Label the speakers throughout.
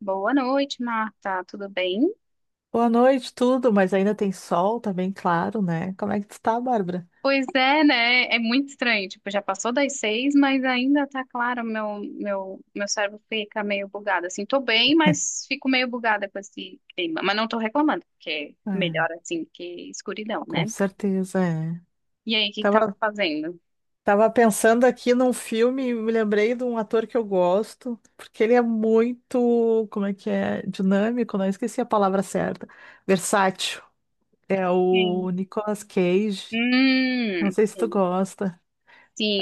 Speaker 1: Boa noite, Marta. Tudo bem?
Speaker 2: Boa noite, tudo, mas ainda tem sol, tá bem claro, né? Como é que tu tá, Bárbara?
Speaker 1: Pois é, né? É muito estranho. Tipo, já passou das seis, mas ainda tá claro. Meu cérebro fica meio bugado. Assim, tô bem, mas fico meio bugada com esse clima. Mas não tô reclamando, porque é
Speaker 2: É,
Speaker 1: melhor assim que escuridão,
Speaker 2: com
Speaker 1: né?
Speaker 2: certeza, é.
Speaker 1: E aí, o que que tava
Speaker 2: Tava,
Speaker 1: fazendo?
Speaker 2: tava pensando aqui num filme e me lembrei de um ator que eu gosto, porque ele é muito, como é que é? Dinâmico, não esqueci a palavra certa. Versátil. É o
Speaker 1: Sim.
Speaker 2: Nicolas Cage. Não sei se tu
Speaker 1: Sim.
Speaker 2: gosta.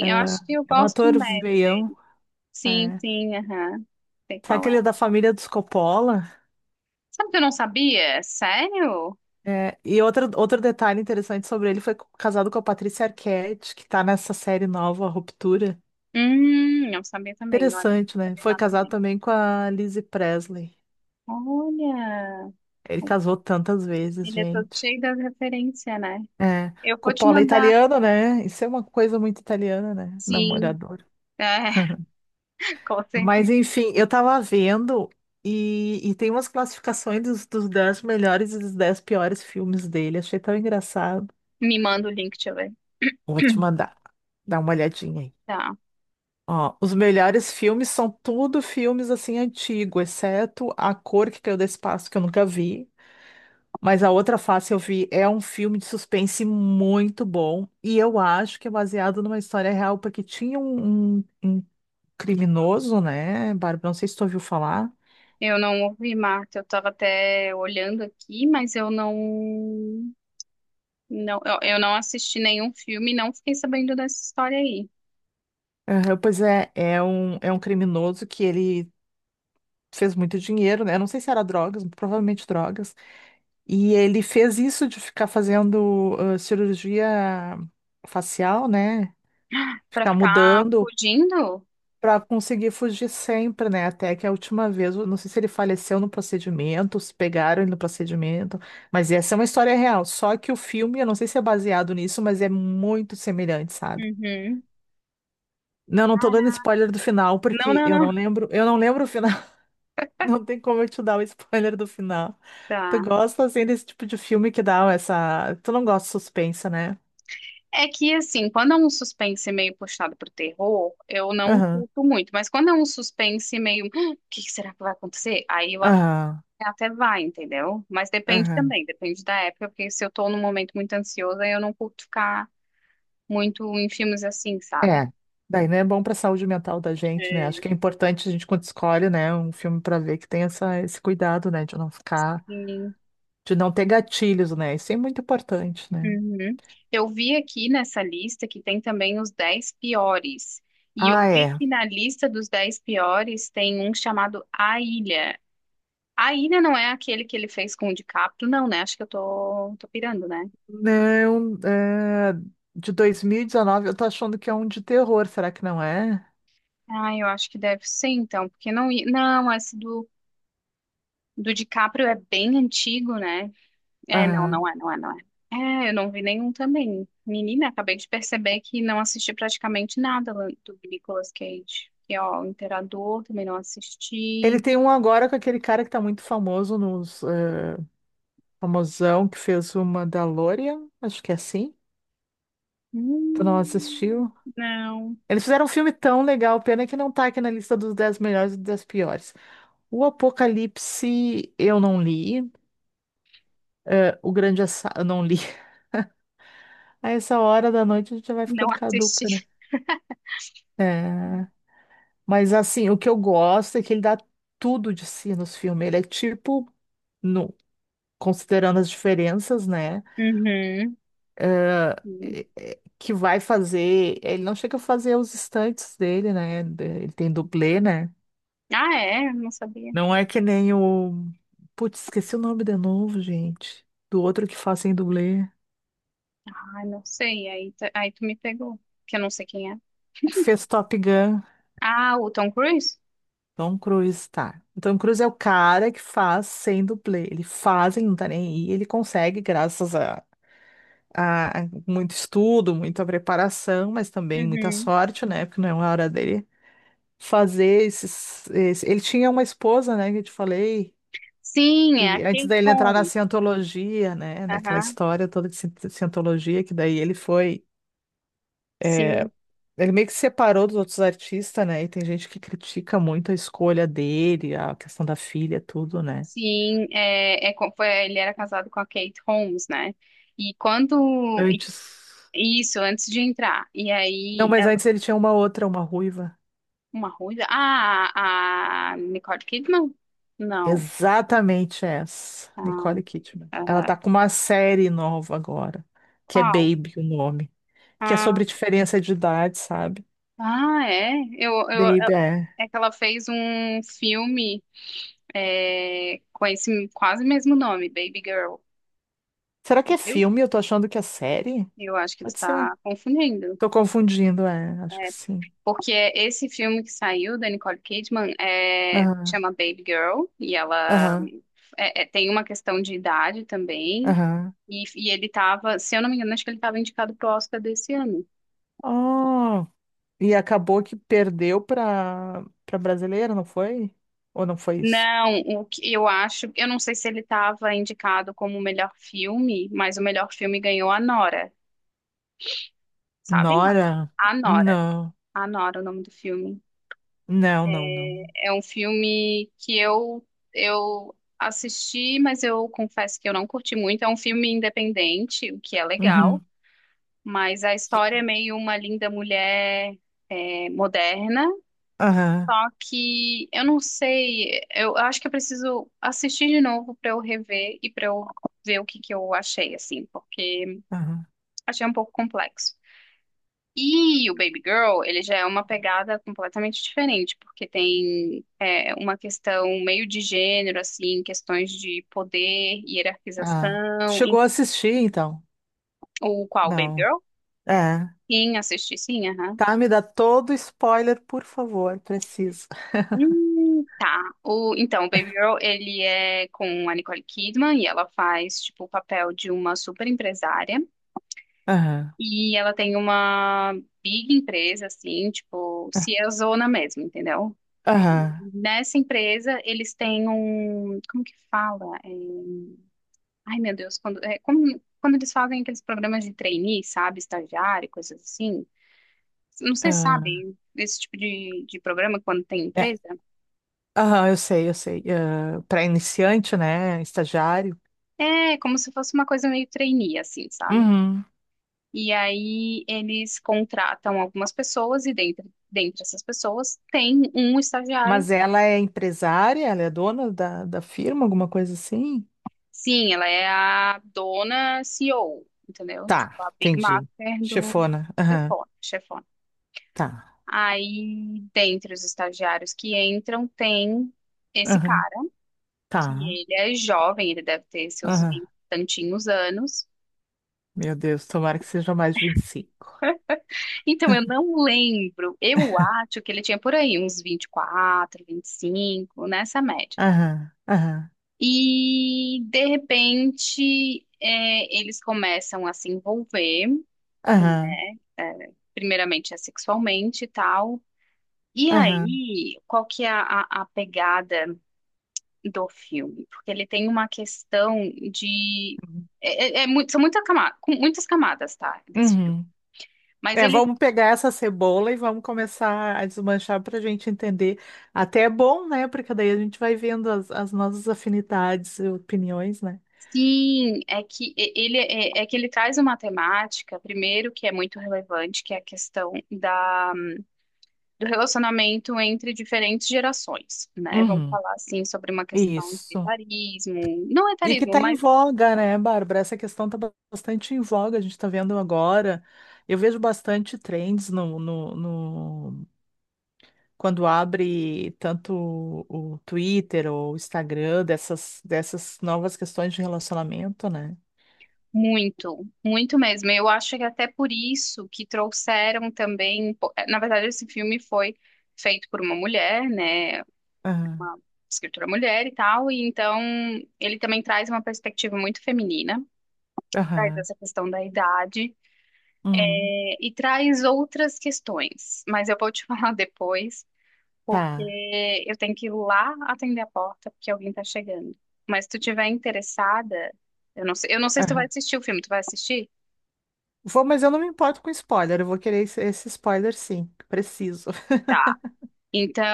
Speaker 2: É,
Speaker 1: eu acho que eu
Speaker 2: é um
Speaker 1: gosto
Speaker 2: ator
Speaker 1: médio
Speaker 2: veião.
Speaker 1: dele. Sim,
Speaker 2: É.
Speaker 1: sim, aham. Sei
Speaker 2: Sabe
Speaker 1: qual
Speaker 2: que ele
Speaker 1: é.
Speaker 2: é da família dos Coppola?
Speaker 1: Sabe o que eu não sabia? Sério?
Speaker 2: É, e outro detalhe interessante sobre ele, foi casado com a Patrícia Arquette, que tá nessa série nova, A Ruptura.
Speaker 1: Eu sabia também, olha. Não
Speaker 2: Interessante, né?
Speaker 1: sabia
Speaker 2: Foi
Speaker 1: nada.
Speaker 2: casado também com a Lizzie Presley.
Speaker 1: Olha,
Speaker 2: Ele casou tantas vezes,
Speaker 1: ele é todo
Speaker 2: gente.
Speaker 1: cheio das referências, né?
Speaker 2: É,
Speaker 1: Eu
Speaker 2: com o
Speaker 1: vou te
Speaker 2: Paula é
Speaker 1: mandar.
Speaker 2: italiano, né? Isso é uma coisa muito italiana, né?
Speaker 1: Sim,
Speaker 2: Namorador.
Speaker 1: é, com certeza.
Speaker 2: Mas enfim, eu tava vendo e tem umas classificações dos 10 melhores e dos 10 piores filmes dele. Achei tão engraçado.
Speaker 1: Me manda o link, deixa eu ver.
Speaker 2: Vou te mandar. Dá uma olhadinha aí.
Speaker 1: Tá.
Speaker 2: Ó, os melhores filmes são tudo filmes assim antigo, exceto A Cor que Caiu do Espaço, que eu nunca vi. Mas A Outra Face eu vi. É um filme de suspense muito bom. E eu acho que é baseado numa história real, porque tinha um criminoso, né, Bárbara? Não sei se tu ouviu falar.
Speaker 1: Eu não ouvi, Marta. Eu tava até olhando aqui, mas eu não assisti nenhum filme, não fiquei sabendo dessa história aí.
Speaker 2: Aham, pois é, é um criminoso que ele fez muito dinheiro, né? Não sei se era drogas, provavelmente drogas. E ele fez isso de ficar fazendo cirurgia facial, né?
Speaker 1: Pra
Speaker 2: Ficar
Speaker 1: ficar
Speaker 2: mudando
Speaker 1: fugindo?
Speaker 2: para conseguir fugir sempre, né? Até que a última vez, eu não sei se ele faleceu no procedimento, se pegaram ele no procedimento, mas essa é uma história real. Só que o filme, eu não sei se é baseado nisso, mas é muito semelhante, sabe?
Speaker 1: Uhum.
Speaker 2: Não, não tô dando spoiler do final,
Speaker 1: Não,
Speaker 2: porque
Speaker 1: não, não.
Speaker 2: eu não lembro o final. Não tem como eu te dar o spoiler do final. Tu
Speaker 1: Tá.
Speaker 2: gosta, assim, desse tipo de filme que dá essa... Tu não gosta de suspense, né?
Speaker 1: É que, assim, quando é um suspense meio puxado pro terror, eu não
Speaker 2: Aham,
Speaker 1: curto muito. Mas quando é um suspense meio, "Ah, o que que será que vai acontecer?" Aí eu até
Speaker 2: aham,
Speaker 1: até vai, entendeu? Mas depende
Speaker 2: aham.
Speaker 1: também, depende da época, porque se eu tô num momento muito ansiosa, eu não curto ficar muito em filmes assim, sabe?
Speaker 2: É, daí não é bom para a saúde mental da gente, né? Acho que é importante a gente quando escolhe, né, um filme para ver que tem essa, esse cuidado, né, de não ficar,
Speaker 1: E-
Speaker 2: de não ter gatilhos, né? Isso é muito importante, né?
Speaker 1: Uhum. Eu vi aqui nessa lista que tem também os 10 piores. E
Speaker 2: Ah,
Speaker 1: eu vi
Speaker 2: é.
Speaker 1: que na lista dos 10 piores tem um chamado A Ilha. A Ilha não é aquele que ele fez com o DiCaprio, não, né? Acho que eu tô pirando, né?
Speaker 2: Não, é, de 2019, eu tô achando que é um de terror, será que não é?
Speaker 1: Ah, eu acho que deve ser, então, porque não... Não, esse do DiCaprio é bem antigo, né? É,
Speaker 2: Aham.
Speaker 1: não é. É, eu não vi nenhum também. Menina, acabei de perceber que não assisti praticamente nada lá do Nicolas Cage. E, ó, o Imperador também não
Speaker 2: Ele
Speaker 1: assisti.
Speaker 2: tem um agora com aquele cara que tá muito famoso nos, é, famosão que fez o Mandalorian, acho que é assim. Tu não
Speaker 1: Hum,
Speaker 2: assistiu?
Speaker 1: não,
Speaker 2: Eles fizeram um filme tão legal, pena que não tá aqui na lista dos 10 melhores e dos 10 piores. O Apocalipse eu não li, o Grande Assa... eu não li. A essa hora da noite a gente já vai
Speaker 1: não
Speaker 2: ficando caduca, né?
Speaker 1: assisti.
Speaker 2: É, mas assim, o que eu gosto é que ele dá tudo de si nos filmes. Ele é tipo, no... considerando as diferenças, né?
Speaker 1: Uhum.
Speaker 2: Que vai fazer. Ele não chega a fazer os estantes dele, né? Ele tem dublê, né?
Speaker 1: Ah, é? Não sabia.
Speaker 2: Não é que nem o. Putz, esqueci o nome de novo, gente. Do outro que faz em dublê.
Speaker 1: Ai, não sei. Aí tu me pegou, que eu não sei quem é.
Speaker 2: Que fez Top Gun.
Speaker 1: Ah, o Tom Cruise?
Speaker 2: Tom Cruise, tá. O Tom Cruise é o cara que faz sem dublê. Ele faz e não tá nem aí. Ele consegue, graças a muito estudo, muita preparação, mas também muita
Speaker 1: Uhum.
Speaker 2: sorte, né? Porque não é uma hora dele fazer Ele tinha uma esposa, né? Que eu te falei.
Speaker 1: Sim, é a
Speaker 2: Que antes
Speaker 1: Kate
Speaker 2: dele entrar na
Speaker 1: Holmes.
Speaker 2: cientologia, né? Naquela
Speaker 1: Aham,
Speaker 2: história toda de cientologia, que daí ele foi. É,
Speaker 1: sim,
Speaker 2: ele meio que separou dos outros artistas, né? E tem gente que critica muito a escolha dele, a questão da filha, tudo, né?
Speaker 1: sim. É, é, foi, ele era casado com a Kate Holmes, né? E quando. e-
Speaker 2: Antes.
Speaker 1: Isso, antes de entrar. E
Speaker 2: Não,
Speaker 1: aí,
Speaker 2: mas
Speaker 1: ela,
Speaker 2: antes ele tinha uma outra, uma ruiva.
Speaker 1: uma ruiva. Ah, a Nicole Kidman? Não.
Speaker 2: Exatamente essa,
Speaker 1: Ah,
Speaker 2: Nicole Kidman. Ela
Speaker 1: aham.
Speaker 2: tá com uma série nova agora, que é
Speaker 1: Qual?
Speaker 2: Baby, o nome, que é
Speaker 1: Ah,
Speaker 2: sobre diferença de idade, sabe?
Speaker 1: ah, é? Eu, eu,
Speaker 2: Baby, é.
Speaker 1: é que ela fez um filme é, com esse quase mesmo nome, Baby Girl.
Speaker 2: Será que
Speaker 1: Tu
Speaker 2: é
Speaker 1: viu?
Speaker 2: filme? Eu tô achando que é série?
Speaker 1: Eu acho que tu
Speaker 2: Pode ser.
Speaker 1: tá confundindo.
Speaker 2: Tô confundindo, é, acho que sim.
Speaker 1: Porque esse filme que saiu da Nicole Kidman é,
Speaker 2: Aham,
Speaker 1: chama Baby Girl e ela é, é, tem uma questão de idade também.
Speaker 2: aham,
Speaker 1: E ele tava, se eu não me engano, acho que ele tava indicado pro Oscar desse ano.
Speaker 2: aham. E acabou que perdeu pra, pra brasileira, não foi? Ou não foi isso?
Speaker 1: Não, o que eu acho, eu não sei se ele estava indicado como o melhor filme, mas o melhor filme ganhou a Nora, sabe?
Speaker 2: Nora?
Speaker 1: A Nora,
Speaker 2: Não.
Speaker 1: a Nora, é o nome do filme.
Speaker 2: Não, não, não.
Speaker 1: É um filme que eu assisti, mas eu confesso que eu não curti muito. É um filme independente, o que é legal,
Speaker 2: Uhum.
Speaker 1: mas a história é meio uma linda mulher eh, moderna.
Speaker 2: Aham,
Speaker 1: Só que eu não sei, eu acho que eu preciso assistir de novo pra eu rever e pra eu ver o que que eu achei, assim, porque
Speaker 2: aham.
Speaker 1: achei um pouco complexo. E o Baby Girl, ele já é uma pegada completamente diferente, porque tem é, uma questão meio de gênero, assim, questões de poder,
Speaker 2: Ah. Tu
Speaker 1: hierarquização,
Speaker 2: chegou a assistir, então?
Speaker 1: o qual, Baby
Speaker 2: Não.
Speaker 1: Girl?
Speaker 2: É.
Speaker 1: Sim, assisti, sim, aham.
Speaker 2: Tá, me dá todo spoiler, por favor. Preciso.
Speaker 1: Tá. O, então, o Baby Girl, ele é com a Nicole Kidman e ela faz, tipo, o papel de uma super empresária.
Speaker 2: Aham,
Speaker 1: E ela tem uma big empresa, assim, tipo, se é zona mesmo, entendeu?
Speaker 2: aham,
Speaker 1: Nessa empresa, eles têm um... Como que fala? É, ai, meu Deus, quando eles fazem aqueles programas de trainee, sabe? Estagiário, coisas assim. Não sei se
Speaker 2: aham.
Speaker 1: sabem esse tipo de programa quando tem
Speaker 2: É,
Speaker 1: empresa.
Speaker 2: aham, eu sei, eu sei. Ah, pra iniciante, né? Estagiário.
Speaker 1: É, como se fosse uma coisa meio trainee, assim, sabe?
Speaker 2: Uhum.
Speaker 1: E aí eles contratam algumas pessoas e dentre essas pessoas tem um estagiário.
Speaker 2: Mas ela é empresária? Ela é dona da, da firma, alguma coisa assim?
Speaker 1: Sim, ela é a dona CEO, entendeu?
Speaker 2: Tá,
Speaker 1: Tipo, a Big
Speaker 2: entendi.
Speaker 1: Master do
Speaker 2: Chefona. Aham,
Speaker 1: chefone, chefone.
Speaker 2: tá.
Speaker 1: Aí, dentre os estagiários que entram, tem esse
Speaker 2: Aham,
Speaker 1: cara, que
Speaker 2: tá.
Speaker 1: ele é jovem, ele deve ter seus
Speaker 2: Aham.
Speaker 1: vinte e tantinhos anos.
Speaker 2: Meu Deus, tomara que seja mais de 25.
Speaker 1: Então, eu não lembro, eu acho que ele tinha por aí uns vinte e quatro, vinte e cinco nessa média.
Speaker 2: Aham, aham,
Speaker 1: E de repente é, eles começam a se envolver,
Speaker 2: aham,
Speaker 1: é, primeiramente é sexualmente e tal. E
Speaker 2: aham.
Speaker 1: aí, qual que é a, a pegada do filme? Porque ele tem uma questão de. É muito- são com muitas camadas, tá? Desse filme.
Speaker 2: Uhum.
Speaker 1: Mas
Speaker 2: É,
Speaker 1: ele
Speaker 2: vamos pegar essa cebola e vamos começar a desmanchar para a gente entender. Até é bom, né? Porque daí a gente vai vendo as, as nossas afinidades e opiniões, né?
Speaker 1: sim, é que e- ele é é que ele traz uma temática, primeiro, que é muito relevante, que é a questão do relacionamento entre diferentes gerações, né? Vamos
Speaker 2: Uhum.
Speaker 1: falar assim sobre uma questão de
Speaker 2: Isso.
Speaker 1: etarismo, não
Speaker 2: E que
Speaker 1: etarismo,
Speaker 2: está em
Speaker 1: mas
Speaker 2: voga, né, Bárbara? Essa questão está bastante em voga, a gente está vendo agora. Eu vejo bastante trends quando abre tanto o Twitter ou o Instagram dessas, dessas novas questões de relacionamento, né?
Speaker 1: muito, muito mesmo. Eu acho que até por isso que trouxeram também, na verdade, esse filme foi feito por uma mulher, né?
Speaker 2: Aham,
Speaker 1: Uma escritora mulher e tal, e então ele também traz uma perspectiva muito feminina. Traz
Speaker 2: aham,
Speaker 1: essa questão da idade,
Speaker 2: hum,
Speaker 1: eh, e traz outras questões, mas eu vou te falar depois
Speaker 2: tá.
Speaker 1: porque eu tenho que ir lá atender a porta porque alguém tá chegando. Mas se tu tiver interessada, eu não sei se tu vai
Speaker 2: Aham.
Speaker 1: assistir o filme, tu vai assistir?
Speaker 2: Vou, mas eu não me importo com spoiler, eu vou querer esse spoiler sim, preciso.
Speaker 1: Tá.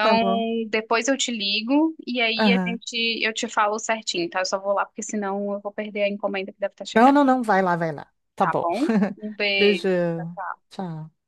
Speaker 2: Tá bom.
Speaker 1: depois eu te ligo e aí a
Speaker 2: Aham.
Speaker 1: gente eu te falo certinho, tá? Eu só vou lá porque senão eu vou perder a encomenda que deve estar
Speaker 2: Não,
Speaker 1: chegando,
Speaker 2: não, não, vai lá, vai lá. Tá
Speaker 1: tá
Speaker 2: bom.
Speaker 1: bom? Um beijo. Tchau,
Speaker 2: Beijão.
Speaker 1: tchau.
Speaker 2: Tchau.